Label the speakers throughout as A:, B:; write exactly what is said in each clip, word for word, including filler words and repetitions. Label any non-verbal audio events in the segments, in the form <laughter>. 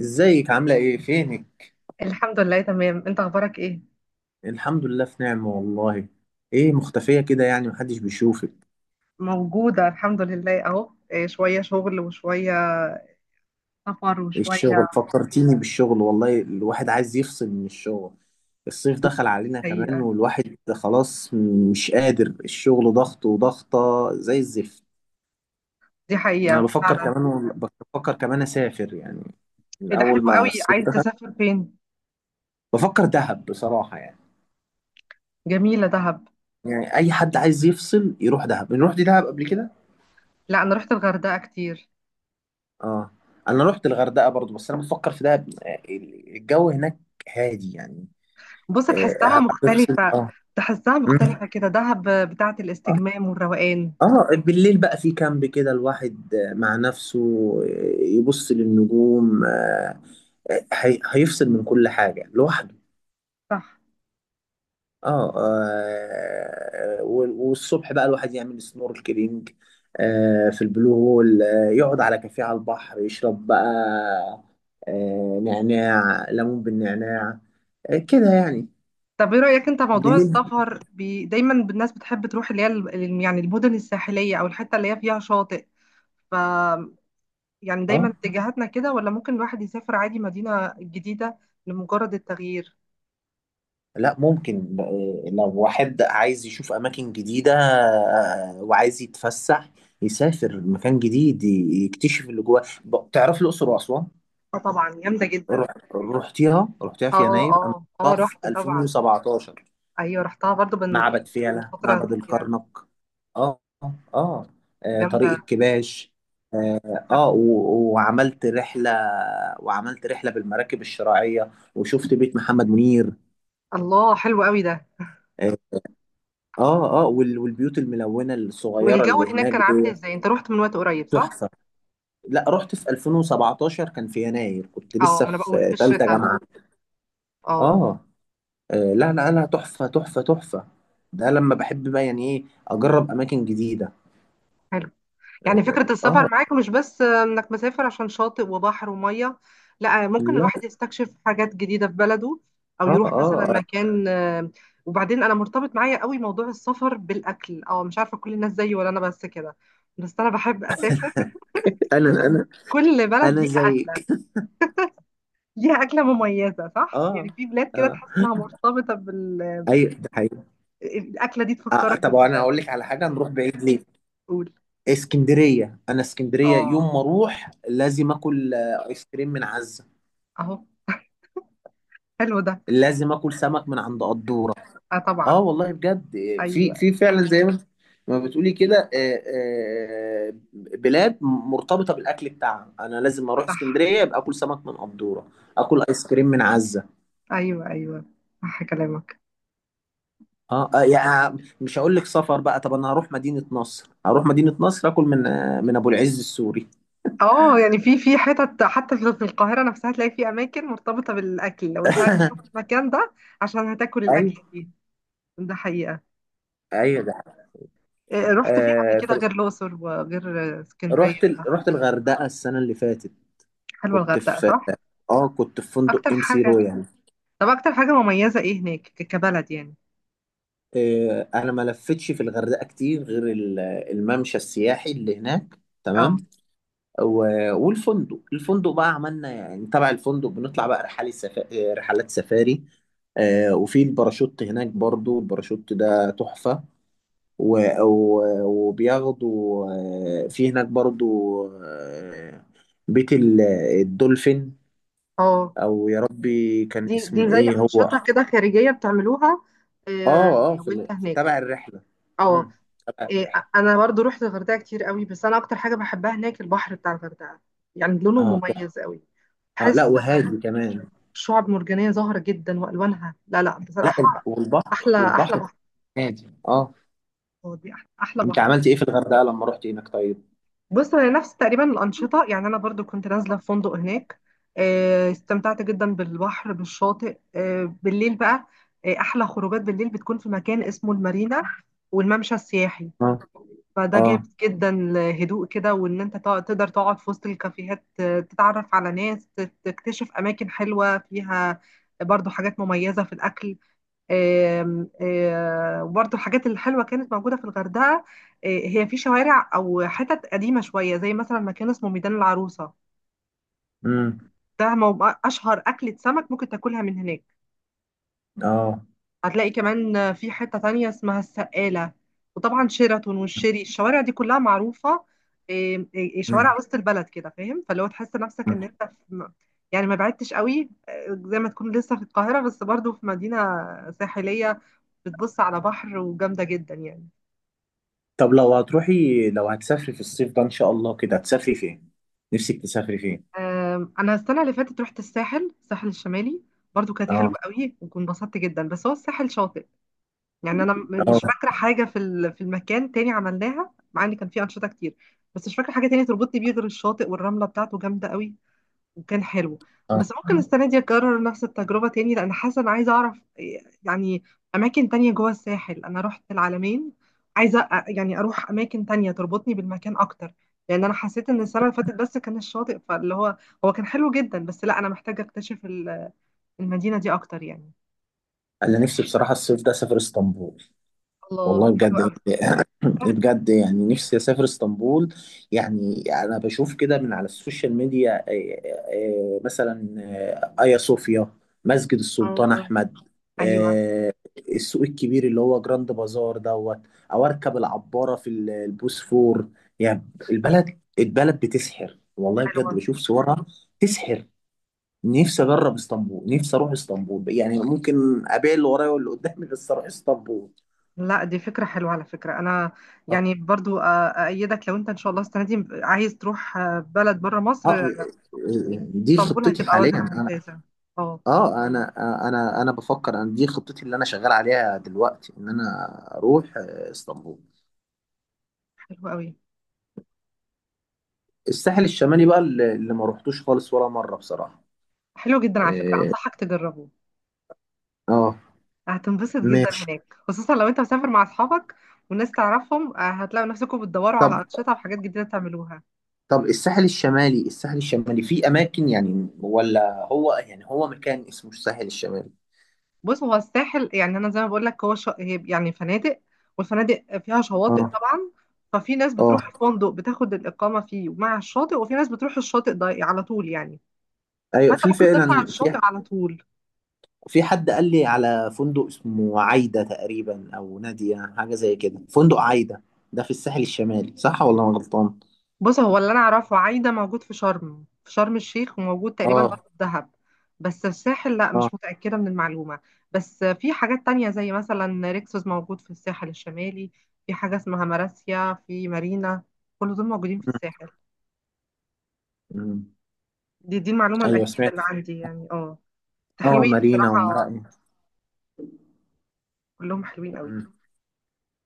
A: ازيك؟ عاملة ايه؟ فينك؟
B: الحمد لله، تمام. انت اخبارك ايه؟
A: الحمد لله في نعمة والله. ايه مختفية كده؟ يعني محدش بيشوفك.
B: موجودة الحمد لله اهو. إيه، شوية شغل وشوية سفر
A: ايه
B: وشوية.
A: الشغل؟ فكرتيني بالشغل والله. الواحد عايز يفصل من الشغل. الصيف دخل علينا كمان
B: حقيقة.
A: والواحد خلاص مش قادر. الشغل ضغط وضغطة زي الزفت.
B: دي
A: انا
B: حقيقة
A: بفكر
B: فعلا.
A: كمان، بفكر كمان اسافر يعني من
B: ايه ده، حلو
A: اول ما
B: قوي.
A: الصيف
B: عايز
A: ده.
B: تسافر فين؟
A: بفكر دهب بصراحة يعني.
B: جميلة دهب.
A: يعني اي حد عايز يفصل يروح دهب. نروح دي دهب قبل كده؟
B: لا، انا رحت الغردقة كتير.
A: اه، انا رحت الغردقه برضو، بس انا بفكر في دهب. آه، الجو هناك هادي يعني.
B: بص، تحسها
A: آه، هتفصل،
B: مختلفة.
A: اه.
B: تحسها
A: مم.
B: مختلفة كده، دهب بتاعة
A: اه.
B: الاستجمام والروقان.
A: آه، بالليل بقى في كامب كده الواحد آه، مع نفسه، آه، يبص للنجوم، آه، آه، هي- هيفصل من كل حاجه لوحده.
B: صح.
A: اه، آه، وال- والصبح بقى الواحد يعمل سنوركلينج آه في البلو هول، آه يقعد على كافيه على البحر يشرب بقى آه نعناع، ليمون بالنعناع، آه كده يعني.
B: طب، ايه رأيك انت موضوع
A: بالليل.
B: السفر بي... دايما الناس بتحب تروح اللي هي ال- ال- يعني المدن الساحلية او الحتة اللي هي فيها شاطئ، يعني دايما
A: اه،
B: اتجاهاتنا كده، ولا ممكن الواحد يسافر عادي مدينة جديدة لمجرد التغيير؟
A: لا ممكن. آه لو واحد عايز يشوف اماكن جديدة آه وعايز يتفسح يسافر مكان جديد، ي- يكتشف اللي جواه. ب- تعرف الاقصر واسوان.
B: اه، طبعا جامدة جدا.
A: رحت- رحتيها رحتيها في
B: اه
A: يناير
B: اه
A: انا.
B: اه،
A: رحتها في
B: رحت طبعا.
A: ألفين وسبعة عشر،
B: ايوه رحتها برضو، من
A: معبد
B: يعني من
A: فيلة،
B: فترة
A: معبد
B: كبيرة.
A: الكرنك. اه، اه، آه، طريق
B: جامدة.
A: الكباش. اه،
B: صح.
A: آه، و- وعملت رحلة، وعملت رحلة بالمراكب الشراعية، وشفت بيت محمد منير.
B: الله، حلو قوي ده.
A: اه، اه، آه، وال- والبيوت الملونة الصغيرة
B: والجو
A: اللي
B: هناك
A: هناك
B: كان عامل
A: دي
B: ازاي؟ انت رحت من وقت قريب، صح؟
A: تحفة. لا، رحت في ألفين وسبعتاشر، كان في يناير، كنت
B: اه،
A: لسه
B: ما انا بقول في
A: في ثالثة
B: الشتاء.
A: جامعة. اه،
B: اه.
A: آه، لا لا لا، تحفة تحفة تحفة. ده لما بحب بقى يعني، ايه، اجرب اماكن جديدة.
B: حلو. يعني فكرة السفر
A: اه.
B: معاك مش بس آه، انك مسافر عشان شاطئ وبحر ومية. لا، آه، ممكن
A: لا.
B: الواحد يستكشف حاجات جديدة في بلده، او
A: اه،
B: يروح مثلا
A: اه،
B: مكان آه، وبعدين انا مرتبط معايا قوي موضوع السفر بالاكل، او مش عارفة كل الناس زيي ولا انا بس كده. بس انا بحب اسافر.
A: انا انا
B: كل بلد
A: انا
B: ليها اكلة.
A: زيك.
B: ليها اكلة مميزة، صح؟
A: اه،
B: يعني في بلاد كده
A: اه،
B: تحس انها مرتبطة بال
A: ايوه ده حقيقي.
B: الاكلة دي
A: آه، آه،
B: تفكرك
A: طب انا
B: بالبلد.
A: اقول لك على حاجه، نروح بعيد ليه؟
B: تقول.
A: اسكندريه. انا اسكندريه يوم
B: اه.
A: ما اروح لازم اكل آه، ايس كريم من عزه.
B: اهو. حلو ده.
A: لازم اكل سمك من عند قدوره.
B: اه
A: اه
B: طبعا.
A: والله بجد، آه، في
B: ايوه.
A: في فعلا زي ما انت- ما بتقولي كده. آه، آه، بلاد مرتبطه بالاكل بتاعها. انا لازم اروح
B: صح.
A: اسكندريه يبقى اكل سمك من قدوره، اكل ايس كريم من عزه.
B: ايوه ايوه، صح كلامك.
A: اه، آه، يعني مش هقول لك سفر بقى. طب انا هروح مدينة نصر، هروح مدينة نصر اكل من آه، من ابو العز السوري.
B: اه، يعني في في حتت حتى في في القاهره نفسها تلاقي في اماكن مرتبطه بالاكل، لو انت عايز تروح
A: <laughs>
B: المكان ده عشان هتاكل الاكله
A: ايوه
B: دي. ده حقيقه.
A: ايوه ده.
B: إيه، رحت فين قبل
A: آه
B: كده
A: في-
B: غير الاقصر وغير اسكندريه
A: رحت ال...
B: ودهب؟
A: رحت الغردقة السنة اللي فاتت.
B: حلوه
A: كنت
B: الغردقه،
A: في،
B: صح؟
A: اه، كنت في فندق
B: اكتر
A: ام سي
B: حاجه.
A: رويال.
B: طب اكتر حاجه مميزه ايه هناك ك- كبلد يعني؟
A: آه انا ما لفتش في الغردقة كتير غير ال- الممشى السياحي اللي هناك.
B: اه
A: تمام. و... والفندق، الفندق بقى عملنا يعني تبع الفندق بنطلع بقى رحلة سفا... آه، رحلات سفاري. آه، وفي الباراشوت هناك برضو، الباراشوت ده تحفة. و- و- وبياخدوا، آه، في هناك برضو، آه، بيت ال- الدولفين.
B: اه،
A: او يا ربي كان
B: دي
A: اسمه
B: دي زي
A: ايه هو؟
B: انشطه كده خارجيه بتعملوها؟ إيه،
A: اه، اه، في،
B: وانت
A: ال- في
B: هناك؟
A: تبع الرحله.
B: اه.
A: امم تبع
B: إيه،
A: الرحله.
B: انا برضو رحت الغردقه كتير قوي، بس انا اكتر حاجه بحبها هناك البحر بتاع الغردقه، يعني لونه
A: اه،
B: مميز قوي.
A: اه، لا
B: بحس
A: وهادي كمان.
B: شعب مرجانيه ظاهره جدا والوانها، لا لا
A: لا
B: بصراحه،
A: ال- والبحر،
B: احلى احلى
A: والبحر كان
B: بحر.
A: هادي، اه.
B: هو دي احلى أحلى
A: انت
B: بحر.
A: عملت ايه في الغردقه لما رحت هناك طيب؟
B: بص، انا نفس تقريبا الانشطه، يعني انا برضو كنت نازله في فندق هناك. آه، استمتعت جدا بالبحر بالشاطئ. آه، بالليل بقى، آه، احلى خروجات بالليل بتكون في مكان اسمه المارينا والممشى السياحي.
A: اه،
B: فده
A: اه.
B: جامد جدا الهدوء كده، وان انت تق- تقدر تقعد في وسط الكافيهات، آه، تتعرف على ناس، تت- تكتشف اماكن حلوة فيها، برضو حاجات مميزة في الأكل. آم، آه، وبرضو الحاجات الحلوة كانت موجودة في الغردقة. آه، هي في شوارع أو حتت قديمة شوية، زي مثلا مكان اسمه ميدان العروسة،
A: امم
B: ده مو- أشهر أكلة سمك ممكن تاكلها من هناك.
A: اه.
B: هتلاقي كمان في حتة تانية اسمها السقالة، وطبعا شيراتون والشيري، الشوارع دي كلها معروفة. إيه، إيه،
A: مم.
B: شوارع وسط البلد كده فاهم، فلو تحس نفسك ان انت في، يعني ما بعدتش قوي، آه، زي ما تكون لسه في القاهرة، بس برضو في مدينة ساحلية بتبص على بحر، وجامدة جدا يعني.
A: طب لو هتروحي، لو هتسافري في الصيف ده ان شاء الله كده هتسافري فين؟ نفسك تسافري فين؟
B: آم، انا السنة اللي فاتت رحت الساحل الساحل الشمالي. برضو كانت حلوة
A: اه،
B: قوي وكنت انبسطت جدا، بس هو الساحل شاطئ يعني. انا م-
A: اه،
B: مش فاكره حاجه في ال- في المكان تاني عملناها، مع ان كان فيه انشطه كتير. بس مش فاكره حاجه تانية تربطني بيه غير الشاطئ، والرمله بتاعته جامده قوي وكان حلو.
A: اه،
B: بس ممكن مم. السنه دي اكرر نفس التجربه تاني، لان حاسه انا عايزه اعرف يعني اماكن تانية جوه الساحل. انا رحت العلمين، عايزه أ- يعني اروح اماكن تانية تربطني بالمكان اكتر، لان انا حسيت ان السنه اللي فاتت بس كان الشاطئ، فاللي هو هو كان حلو جدا بس، لا انا محتاجه اكتشف ال- المدينه دي اكتر يعني.
A: انا نفسي بصراحه الصيف ده اسافر اسطنبول. والله
B: الله، حلو
A: بجد
B: قوي.
A: يعني، بجد يعني، نفسي اسافر اسطنبول. يعني انا بشوف كده من على السوشيال ميديا، آه، آه، آه، مثلا آه، ايا صوفيا، مسجد السلطان
B: اه.
A: احمد،
B: ايوه،
A: آه، السوق الكبير اللي هو جراند بازار دوت، او اركب العباره في ال- البوسفور. يعني البلد، البلد بتسحر والله. بجد
B: حلوة.
A: بشوف صورها تسحر. نفسي اجرب اسطنبول، نفسي اروح اسطنبول. يعني ممكن ابيع اللي ورايا واللي قدامي بس اروح اسطنبول.
B: لا، دي فكرة حلوة على فكرة. أنا يعني برضو أ- أأيدك، لو أنت إن شاء الله السنة دي عايز تروح آه، بلد بره
A: اه، آه،
B: مصر،
A: آه، دي
B: اسطنبول
A: خطتي
B: هتبقى
A: حاليا
B: وجهة
A: انا.
B: ممتازة. اه.
A: اه، انا، آه، انا انا بفكر ان دي خطتي اللي انا شغال عليها دلوقتي، ان انا اروح آه، اسطنبول.
B: حلو قوي.
A: الساحل الشمالي بقى، اللي اللي ما روحتوش خالص ولا مرة بصراحة.
B: حلو جدا على فكرة،
A: اه،
B: أنصحك تجربه.
A: آه،
B: هتنبسط جدا
A: ماشي.
B: هناك، خصوصا لو أنت مسافر مع أصحابك والناس تعرفهم. آه، هتلاقوا نفسكم بتدوروا
A: طب،
B: على أنشطة وحاجات جديدة تعملوها.
A: طب الساحل الشمالي الساحل الشمالي في اماكن يعني، ولا هو يعني هو مكان اسمه الساحل الشمالي؟
B: بص، هو الساحل يعني انا زي ما بقول لك هو ش... هي يعني فنادق، والفنادق فيها شواطئ
A: اه،
B: طبعا. ففي ناس بتروح
A: اه،
B: الفندق بتاخد الاقامه فيه مع الشاطئ، وفي ناس بتروح الشاطئ ده على طول يعني.
A: ايوه
B: فانت
A: في
B: ممكن تطلع على
A: فعلا في.
B: الشاطئ على طول.
A: في حد قال لي على فندق اسمه عايدة تقريبا أو نادية، حاجة زي كده، فندق عايدة. ده في الساحل الشمالي صح ولا أنا غلطان؟
B: بص، هو اللي انا اعرفه عايده موجود في شرم، في شرم الشيخ، وموجود تقريبا برضه
A: اه،
B: في دهب. بس الساحل لا،
A: اه،
B: مش متاكده من المعلومه. بس في حاجات تانية، زي مثلا ريكسوس موجود في الساحل الشمالي. في حاجه اسمها مراسيا في مارينا. كل دول موجودين في
A: م-
B: الساحل.
A: م.
B: دي دي المعلومة
A: أيوه
B: الأكيدة
A: سمعت.
B: اللي عندي يعني، اه. ده
A: اه،
B: حلوين
A: مارينا
B: بصراحة.
A: ومراقية.
B: كلهم حلوين قوي.
A: م-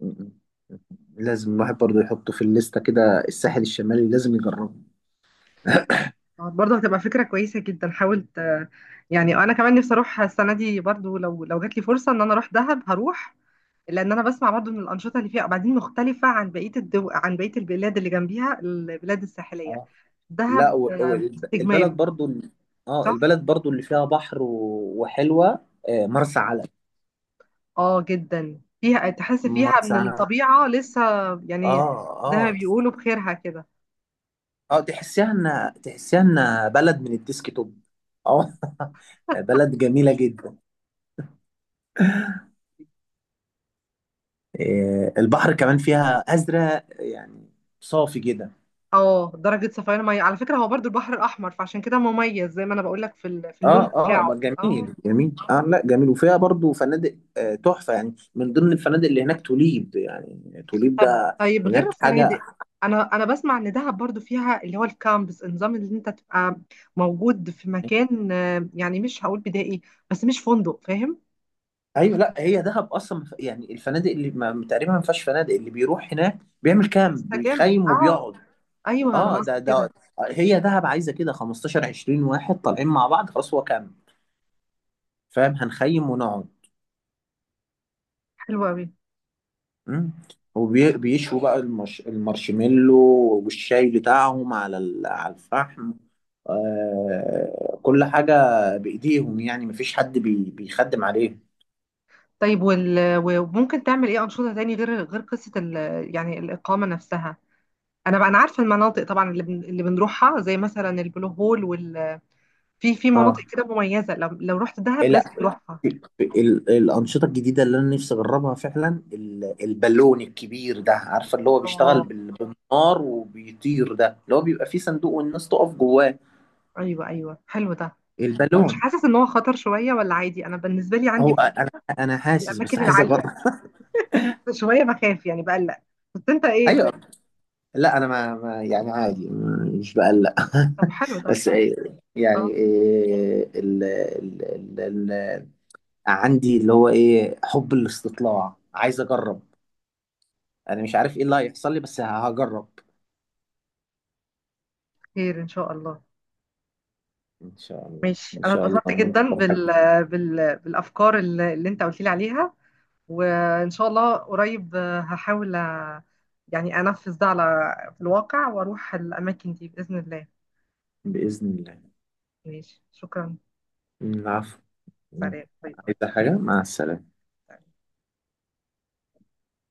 A: م- م. لازم الواحد برضه يحطه في الليستة كده، الساحل الشمالي لازم يجربه.
B: آه، برضه هتبقى فكرة كويسة جدا. حاولت آه، يعني آه، أنا كمان نفسي أروح السنة دي برضه، لو لو جات لي فرصة إن أنا أروح دهب هروح، لأن أنا بسمع برضه إن الأنشطة اللي فيها وبعدين مختلفة عن بقية الدو... عن بقية البلاد اللي جنبيها، البلاد الساحلية،
A: اه، لا
B: دهب
A: و- و-
B: آه،
A: الب- البلد
B: استجمام.
A: برضه ال- اه
B: صح؟
A: البلد برضه اللي فيها بحر و- وحلوة. آه، مرسى علم.
B: اه جدا، فيها تحس فيها
A: مرسى
B: من
A: علم.
B: الطبيعة لسه يعني،
A: اه،
B: زي ما
A: اه،
B: بيقولوا بخيرها كده.
A: اه، تحسيها ان تحسيها ان بلد من الديسك توب. اه. <laughs> بلد جميله جدا. إيه، البحر كمان فيها ازرق يعني، صافي جدا.
B: اه، درجة صفيان مية على فكرة، هو برضو البحر الأحمر فعشان كده مميز، زي ما أنا بقول لك في ال- في اللون
A: اه، اه، ما
B: بتاعه، اه.
A: جميل جميل. اه، لا جميل، وفيها برضو فنادق آه، تحفه يعني. من ضمن الفنادق اللي هناك توليب، يعني توليب
B: طب
A: ده
B: طيب غير
A: هناك
B: الفنادق،
A: حاجه.
B: أنا أنا بسمع إن دهب برضو فيها اللي هو الكامبس، النظام اللي أنت تبقى موجود في
A: <laughs>
B: مكان آه، يعني مش هقول بدائي، بس مش فندق فاهم؟
A: ايوه لا، هي دهب اصلا ما ف- يعني الفنادق اللي ما، تقريبا ما فيهاش فنادق. اللي بيروح هناك بيعمل كامب،
B: يستجم،
A: بيخيم
B: اه.
A: وبيقعد.
B: أيوه، أنا
A: اه، ده
B: قصدي
A: ده
B: كده.
A: هي دهب عايزه كده خمستاشر، عشرين واحد طالعين مع بعض، خلاص هو كام؟ فاهم؟ هنخيم ونقعد.
B: حلو أوي.
A: مم. وبيشوا بقى المش... المارشميلو، والشاي بتاعهم على ال... على الفحم، آه... كل حاجه بايديهم يعني، مفيش حد بي... بيخدم عليهم.
B: طيب، وال... وممكن تعمل إيه أنشطة تاني، غير غير قصة ال... يعني الإقامة نفسها؟ أنا بقى أنا عارفة المناطق طبعا، اللي بن... اللي بنروحها، زي مثلا البلو هول. في في مناطق
A: اه،
B: كده مميزة، لو لو رحت دهب
A: لا
B: لازم تروحها.
A: ال... الانشطه الجديده اللي انا نفسي اجربها فعلا، ال... البالون الكبير ده، عارفه اللي هو
B: اه،
A: بيشتغل بال... بالنار وبيطير، ده اللي هو بيبقى فيه صندوق والناس تقف جواه.
B: ايوه ايوه، حلو ده. طب مش
A: البالون.
B: حاسس ان هو خطر شوية ولا عادي؟ انا بالنسبة لي عندي
A: هو انا،
B: فوبيا
A: انا
B: من
A: حاسس بس
B: الاماكن
A: عايز اجرب.
B: العالية.
A: <laughs>
B: <laughs> شوية بخاف يعني، بقلق. بس انت ايه،
A: ايوه
B: طيب؟
A: لا، انا ما, ما يعني عادي، ما- مش بقلق.
B: طب، حلو
A: <laughs>
B: ده.
A: بس إيه، يعني
B: اه.
A: إيه ال ال ال ال عندي اللي هو ايه، حب الاستطلاع، عايز اجرب. انا مش عارف ايه اللي هيحصل لي، بس هجرب.
B: خير ان شاء الله.
A: ان شاء الله،
B: ماشي،
A: ان
B: انا
A: شاء الله.
B: اتبسطت جدا
A: نجرب
B: بال...
A: حبيبي.
B: بال... بالافكار اللي اللي انت قلت لي عليها. وان شاء الله قريب آه، هحاول آه، يعني انفذ ده على في الواقع، واروح الاماكن دي باذن الله.
A: باذن الله.
B: ماشي، شكرا.
A: العفو.
B: سلام، باي باي.
A: عايزه حاجه؟ مع السلامه.
B: طيب.